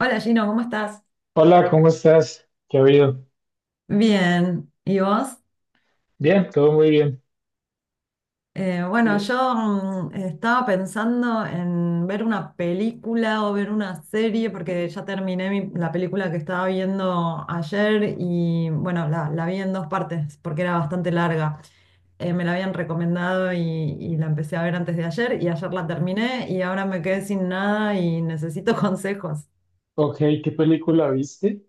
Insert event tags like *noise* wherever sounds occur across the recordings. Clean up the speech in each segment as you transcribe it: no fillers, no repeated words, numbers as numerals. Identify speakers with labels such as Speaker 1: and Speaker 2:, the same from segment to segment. Speaker 1: Hola Gino, ¿cómo estás?
Speaker 2: Hola, ¿cómo estás? ¿Qué ha habido?
Speaker 1: Bien, ¿y vos?
Speaker 2: Bien, todo muy bien.
Speaker 1: Bueno,
Speaker 2: Eh,
Speaker 1: yo estaba pensando en ver una película o ver una serie porque ya terminé la película que estaba viendo ayer y bueno, la vi en dos partes porque era bastante larga. Me la habían recomendado y la empecé a ver antes de ayer y ayer la terminé y ahora me quedé sin nada y necesito *laughs* consejos.
Speaker 2: Ok, ¿qué película viste?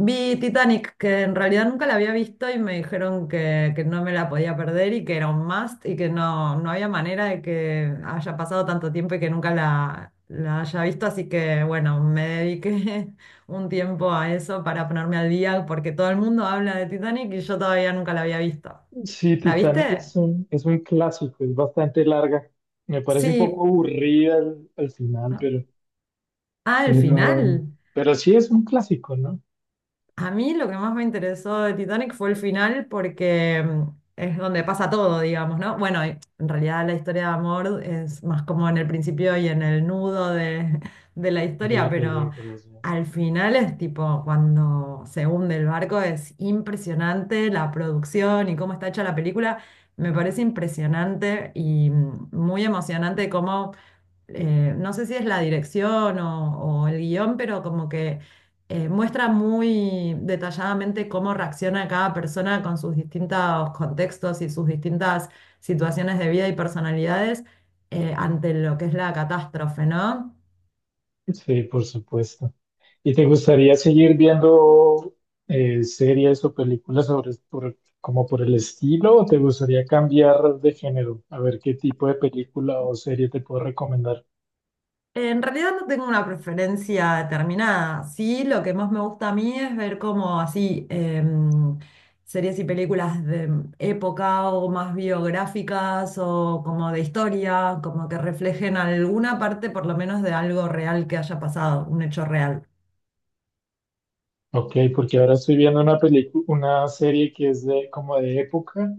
Speaker 1: Vi Titanic, que en realidad nunca la había visto y me dijeron que no me la podía perder y que era un must y que no, no había manera de que haya pasado tanto tiempo y que nunca la haya visto. Así que bueno, me dediqué *laughs* un tiempo a eso para ponerme al día porque todo el mundo habla de Titanic y yo todavía nunca la había visto.
Speaker 2: Sí,
Speaker 1: ¿La
Speaker 2: Titanic es
Speaker 1: viste?
Speaker 2: es un clásico, es bastante larga. Me parece un
Speaker 1: Sí.
Speaker 2: poco aburrida al final,
Speaker 1: Ah, el
Speaker 2: pero,
Speaker 1: final.
Speaker 2: pero sí es un clásico, ¿no?
Speaker 1: A mí lo que más me interesó de Titanic fue el final porque es donde pasa todo, digamos, ¿no? Bueno, y en realidad la historia de amor es más como en el principio y en el nudo *laughs* de la
Speaker 2: De
Speaker 1: historia,
Speaker 2: la
Speaker 1: pero
Speaker 2: película. Sí,
Speaker 1: al final es tipo cuando se hunde el barco es impresionante la producción y cómo está hecha la película. Me parece impresionante y muy emocionante cómo no sé si es la dirección o el guión, pero como que muestra muy detalladamente cómo reacciona cada persona con sus distintos contextos y sus distintas situaciones de vida y personalidades ante lo que es la catástrofe, ¿no?
Speaker 2: sí, por supuesto. ¿Y te gustaría seguir viendo series o películas sobre, como por el estilo o te gustaría cambiar de género? A ver qué tipo de película o serie te puedo recomendar.
Speaker 1: En realidad no tengo una preferencia determinada. Sí, lo que más me gusta a mí es ver como así em, series y películas de época o más biográficas o como de historia, como que reflejen alguna parte por lo menos de algo real que haya pasado, un hecho real.
Speaker 2: Ok, porque ahora estoy viendo una película, una serie que es de como de época.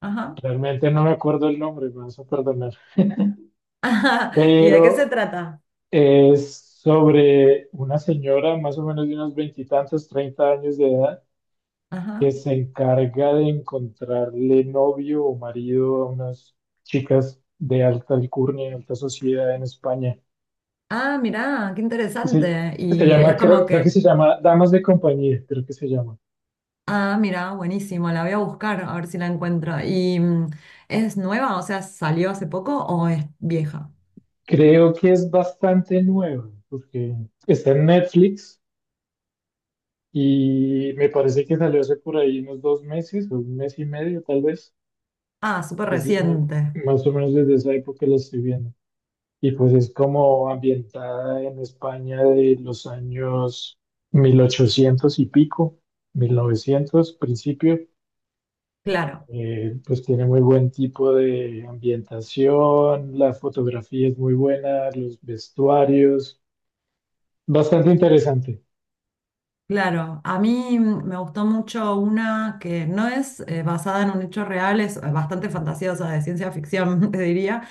Speaker 1: Ajá.
Speaker 2: Realmente no me acuerdo el nombre, me vas a perdonar.
Speaker 1: *laughs* Ajá. ¿Y de qué se
Speaker 2: Pero
Speaker 1: trata?
Speaker 2: es sobre una señora más o menos de unos veintitantos, treinta años de edad,
Speaker 1: Ajá.
Speaker 2: que se encarga de encontrarle novio o marido a unas chicas de alta alcurnia, alta sociedad en España.
Speaker 1: Ah, mirá, qué
Speaker 2: Sí,
Speaker 1: interesante.
Speaker 2: se
Speaker 1: Y
Speaker 2: llama,
Speaker 1: es
Speaker 2: creo,
Speaker 1: como
Speaker 2: creo que
Speaker 1: que
Speaker 2: se llama Damas de Compañía, creo que se llama.
Speaker 1: Ah, mira, buenísimo, la voy a buscar a ver si la encuentro. ¿Y es nueva? O sea, ¿salió hace poco o es vieja?
Speaker 2: Creo que es bastante nueva, porque está en Netflix y me parece que salió hace por ahí unos dos meses, o un mes y medio tal vez.
Speaker 1: Ah, súper
Speaker 2: Es ma-
Speaker 1: reciente,
Speaker 2: Más o menos desde esa época la estoy viendo. Y pues es como ambientada en España de los años 1800 y pico, 1900, principio.
Speaker 1: claro.
Speaker 2: Pues tiene muy buen tipo de ambientación, la fotografía es muy buena, los vestuarios. Bastante interesante.
Speaker 1: Claro, a mí me gustó mucho una que no es basada en un hecho real, es bastante fantasiosa, de ciencia ficción, *laughs* te diría,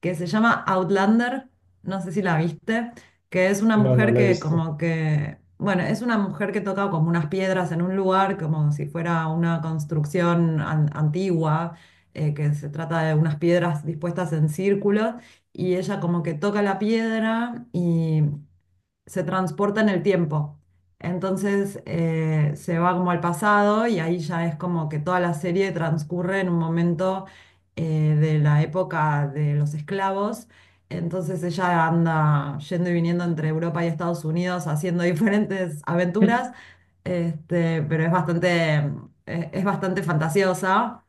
Speaker 1: que se llama Outlander, no sé si la viste, que es una
Speaker 2: No, no
Speaker 1: mujer
Speaker 2: la he
Speaker 1: que
Speaker 2: visto.
Speaker 1: como que, bueno, es una mujer que toca como unas piedras en un lugar, como si fuera una construcción antigua, que se trata de unas piedras dispuestas en círculos, y ella como que toca la piedra y se transporta en el tiempo. Entonces se va como al pasado y ahí ya es como que toda la serie transcurre en un momento de la época de los esclavos. Entonces ella anda yendo y viniendo entre Europa y Estados Unidos haciendo *laughs* diferentes aventuras,
Speaker 2: *laughs*
Speaker 1: este, pero es bastante fantasiosa,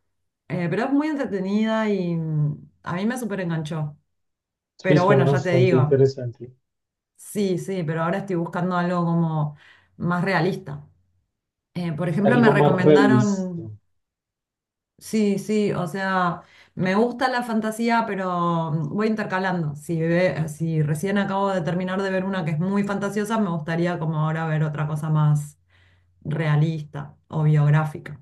Speaker 1: pero es muy entretenida y a mí me súper enganchó.
Speaker 2: Sí,
Speaker 1: Pero
Speaker 2: suena
Speaker 1: bueno, ya te
Speaker 2: bastante
Speaker 1: digo.
Speaker 2: interesante.
Speaker 1: Sí, sí, pero ahora estoy buscando algo como más realista. Por ejemplo, me
Speaker 2: Algo más realista.
Speaker 1: recomendaron, sí, sí, o sea, me gusta la fantasía, pero voy intercalando. Si, si recién acabo de terminar de ver una que es muy fantasiosa, me gustaría como ahora ver otra cosa más realista o biográfica.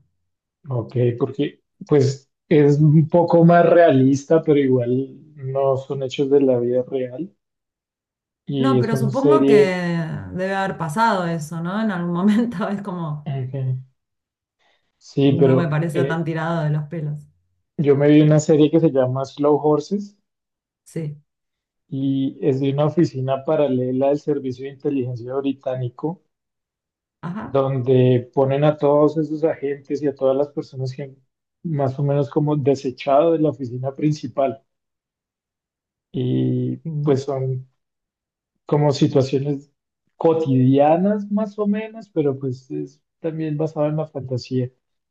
Speaker 2: Ok, porque pues es un poco más realista, pero igual no son hechos de la vida real. Y
Speaker 1: No,
Speaker 2: es
Speaker 1: pero
Speaker 2: una
Speaker 1: supongo que
Speaker 2: serie...
Speaker 1: debe haber pasado eso, ¿no? En algún momento *laughs* es como,
Speaker 2: ok. Sí,
Speaker 1: no me
Speaker 2: pero
Speaker 1: parece tan tirado de los pelos.
Speaker 2: yo me vi una serie que se llama Slow Horses
Speaker 1: Sí,
Speaker 2: y es de una oficina paralela del Servicio de Inteligencia Británico,
Speaker 1: ajá.
Speaker 2: donde ponen a todos esos agentes y a todas las personas que han más o menos como desechado de la oficina principal. Y
Speaker 1: Sí.
Speaker 2: pues son como situaciones cotidianas más o menos, pero pues es también basado en la fantasía.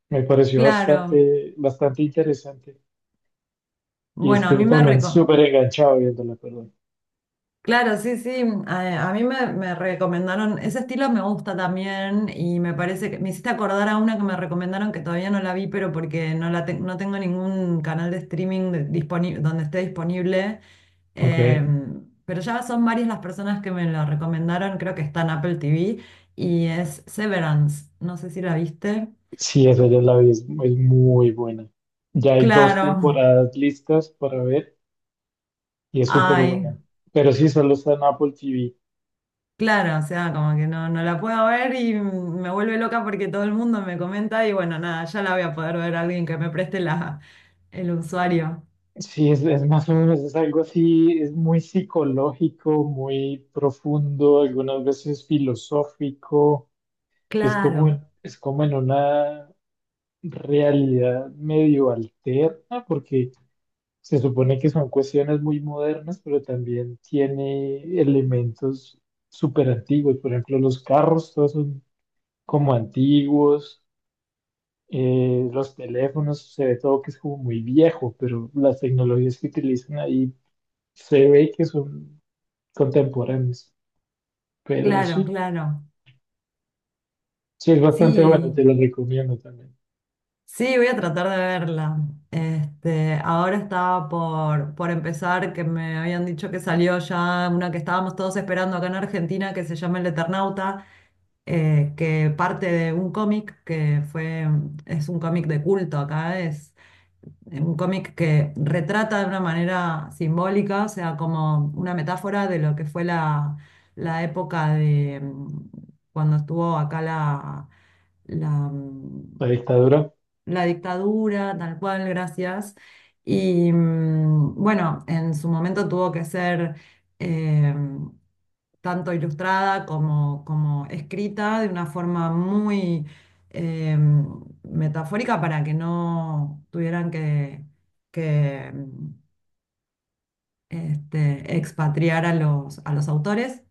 Speaker 2: Me pareció
Speaker 1: Claro.
Speaker 2: bastante, bastante interesante y
Speaker 1: Bueno, a
Speaker 2: estuve
Speaker 1: mí me
Speaker 2: también
Speaker 1: reco-
Speaker 2: súper enganchado viéndola, perdón.
Speaker 1: Claro, sí, sí, a mí me recomendaron, ese estilo me gusta también y me parece que me hiciste acordar a una que me recomendaron que todavía no la vi, pero porque no, no tengo ningún canal de streaming donde esté disponible.
Speaker 2: Ok,
Speaker 1: Pero ya son varias las personas que me la recomendaron, creo que está en Apple TV y es Severance, no sé si la viste.
Speaker 2: sí, esa ya la vi, es muy buena. Ya hay dos
Speaker 1: Claro,
Speaker 2: temporadas listas para ver y es súper
Speaker 1: ay.
Speaker 2: buena. Pero sí, solo está en Apple TV.
Speaker 1: Claro, o sea, como que no, no la puedo ver y me vuelve loca porque todo el mundo me comenta y bueno, nada, ya la voy a poder ver a alguien que me preste la, el usuario.
Speaker 2: Sí, es más o menos, es algo así, es muy psicológico, muy profundo, algunas veces filosófico. Es como,
Speaker 1: Claro,
Speaker 2: es como en una realidad medio alterna, porque se supone que son cuestiones muy modernas, pero también tiene elementos súper antiguos. Por ejemplo, los carros, todos son como antiguos. Los teléfonos, se ve todo que es como muy viejo, pero las tecnologías que utilizan ahí se ve que son contemporáneas. Pero
Speaker 1: claro,
Speaker 2: sí,
Speaker 1: claro.
Speaker 2: sí es bastante bueno,
Speaker 1: Sí,
Speaker 2: te lo recomiendo también.
Speaker 1: sí, voy a tratar de verla. Este, ahora estaba por empezar, que me habían dicho que salió ya una que estábamos todos esperando acá en Argentina, que se llama El Eternauta, que parte de un cómic que fue, es un cómic de culto acá, es. Es un cómic que retrata de una manera simbólica, o sea, como una metáfora de lo que fue la, la época de cuando estuvo acá la, mm,
Speaker 2: La dictadura,
Speaker 1: la dictadura, tal cual, gracias. Y bueno, en su momento tuvo que ser eh, tanto ilustrada como, como escrita de una forma muy eh, metafórica para que no tuvieran que mm, este, expatriar a los autores,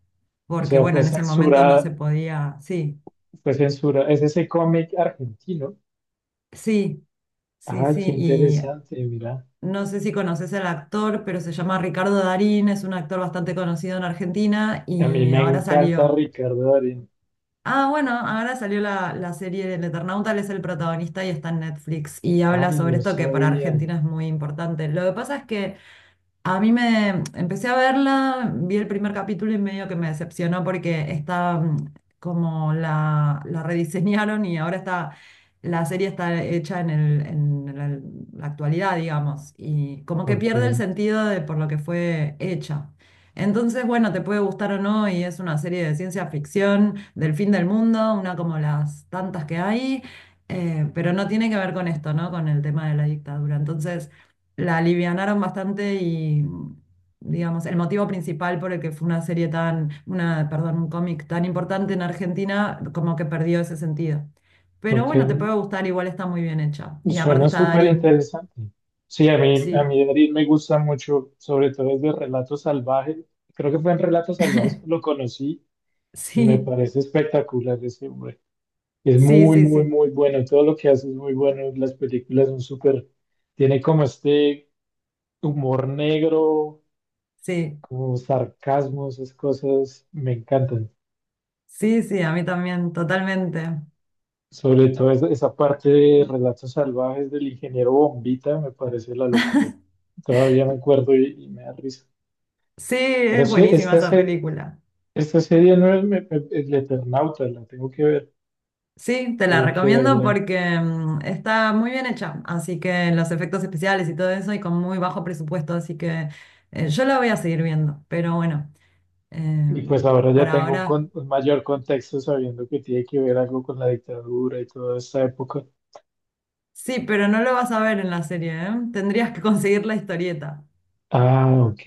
Speaker 2: o
Speaker 1: porque
Speaker 2: sea,
Speaker 1: bueno,
Speaker 2: fue
Speaker 1: en ese momento no se
Speaker 2: censurada,
Speaker 1: podía, sí,
Speaker 2: fue censura, es ese cómic argentino.
Speaker 1: sí. Sí,
Speaker 2: Ay,
Speaker 1: sí,
Speaker 2: qué
Speaker 1: y
Speaker 2: interesante, mira.
Speaker 1: No sé si conoces al actor, pero se llama Ricardo Darín, es un actor bastante conocido en Argentina
Speaker 2: A mí
Speaker 1: y
Speaker 2: me
Speaker 1: ahora
Speaker 2: encanta
Speaker 1: salió.
Speaker 2: Ricardo Darín.
Speaker 1: Ah, bueno, ahora salió la serie del Eternauta, él es el protagonista y está en Netflix y habla
Speaker 2: Ay,
Speaker 1: sobre
Speaker 2: no
Speaker 1: esto que para
Speaker 2: sabía.
Speaker 1: Argentina es muy importante. Lo que pasa es que a mí me empecé a verla, vi el primer capítulo y medio que me decepcionó porque está como la rediseñaron y ahora está, la serie está hecha en el, en la actualidad, digamos, y como que
Speaker 2: Ok,
Speaker 1: pierde el sentido de por lo que fue hecha. Entonces, bueno, te puede gustar o no, y es una serie de ciencia ficción del fin del mundo, una como las tantas que hay, pero no tiene que ver con esto, ¿no? Con el tema de la dictadura. Entonces la alivianaron bastante y, digamos, el motivo principal por el que fue una serie tan, una, perdón, un cómic tan importante en Argentina, como que perdió ese sentido. Pero
Speaker 2: ok.
Speaker 1: bueno, te puede gustar, igual está muy bien hecha. Y aparte
Speaker 2: Suena
Speaker 1: está
Speaker 2: súper
Speaker 1: Darín.
Speaker 2: interesante. Sí, a
Speaker 1: Sí,
Speaker 2: mí Darín me gusta mucho, sobre todo desde Relatos Salvajes. Creo que fue en Relatos Salvajes que lo conocí
Speaker 1: *laughs*
Speaker 2: y me
Speaker 1: sí,
Speaker 2: parece espectacular ese hombre. Es
Speaker 1: sí,
Speaker 2: muy,
Speaker 1: sí,
Speaker 2: muy,
Speaker 1: sí,
Speaker 2: muy bueno. Todo lo que hace es muy bueno. Las películas son súper... Tiene como este humor negro,
Speaker 1: sí,
Speaker 2: como sarcasmo, esas cosas me encantan.
Speaker 1: sí, sí, a mí también, totalmente.
Speaker 2: Sobre todo esa, esa parte de Relatos Salvajes del ingeniero Bombita me parece la locura. Todavía me acuerdo y me da risa.
Speaker 1: Sí,
Speaker 2: Pero
Speaker 1: es
Speaker 2: sí,
Speaker 1: buenísima esa película.
Speaker 2: esta serie no es el Eternauta, la tengo que ver,
Speaker 1: Sí, te la
Speaker 2: tengo que
Speaker 1: recomiendo
Speaker 2: verla.
Speaker 1: porque está muy bien hecha, así que los efectos especiales y todo eso y con muy bajo presupuesto, así que yo la voy a seguir viendo, pero bueno, eh,
Speaker 2: Y pues ahora
Speaker 1: por
Speaker 2: ya tengo
Speaker 1: ahora
Speaker 2: un mayor contexto sabiendo que tiene que ver algo con la dictadura y toda esta época.
Speaker 1: sí, pero no lo vas a ver en la serie, ¿eh? Tendrías que conseguir la historieta
Speaker 2: Ah, ok,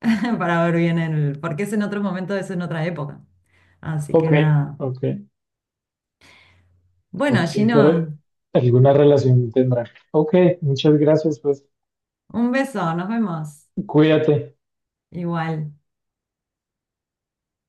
Speaker 1: *laughs* para ver bien el, porque es en otro momento, es en otra época, así
Speaker 2: ok,
Speaker 1: que nada.
Speaker 2: ok,
Speaker 1: Bueno,
Speaker 2: ok, pero
Speaker 1: Gino,
Speaker 2: alguna relación tendrá. Ok, muchas gracias, pues
Speaker 1: un beso, nos vemos
Speaker 2: cuídate.
Speaker 1: igual.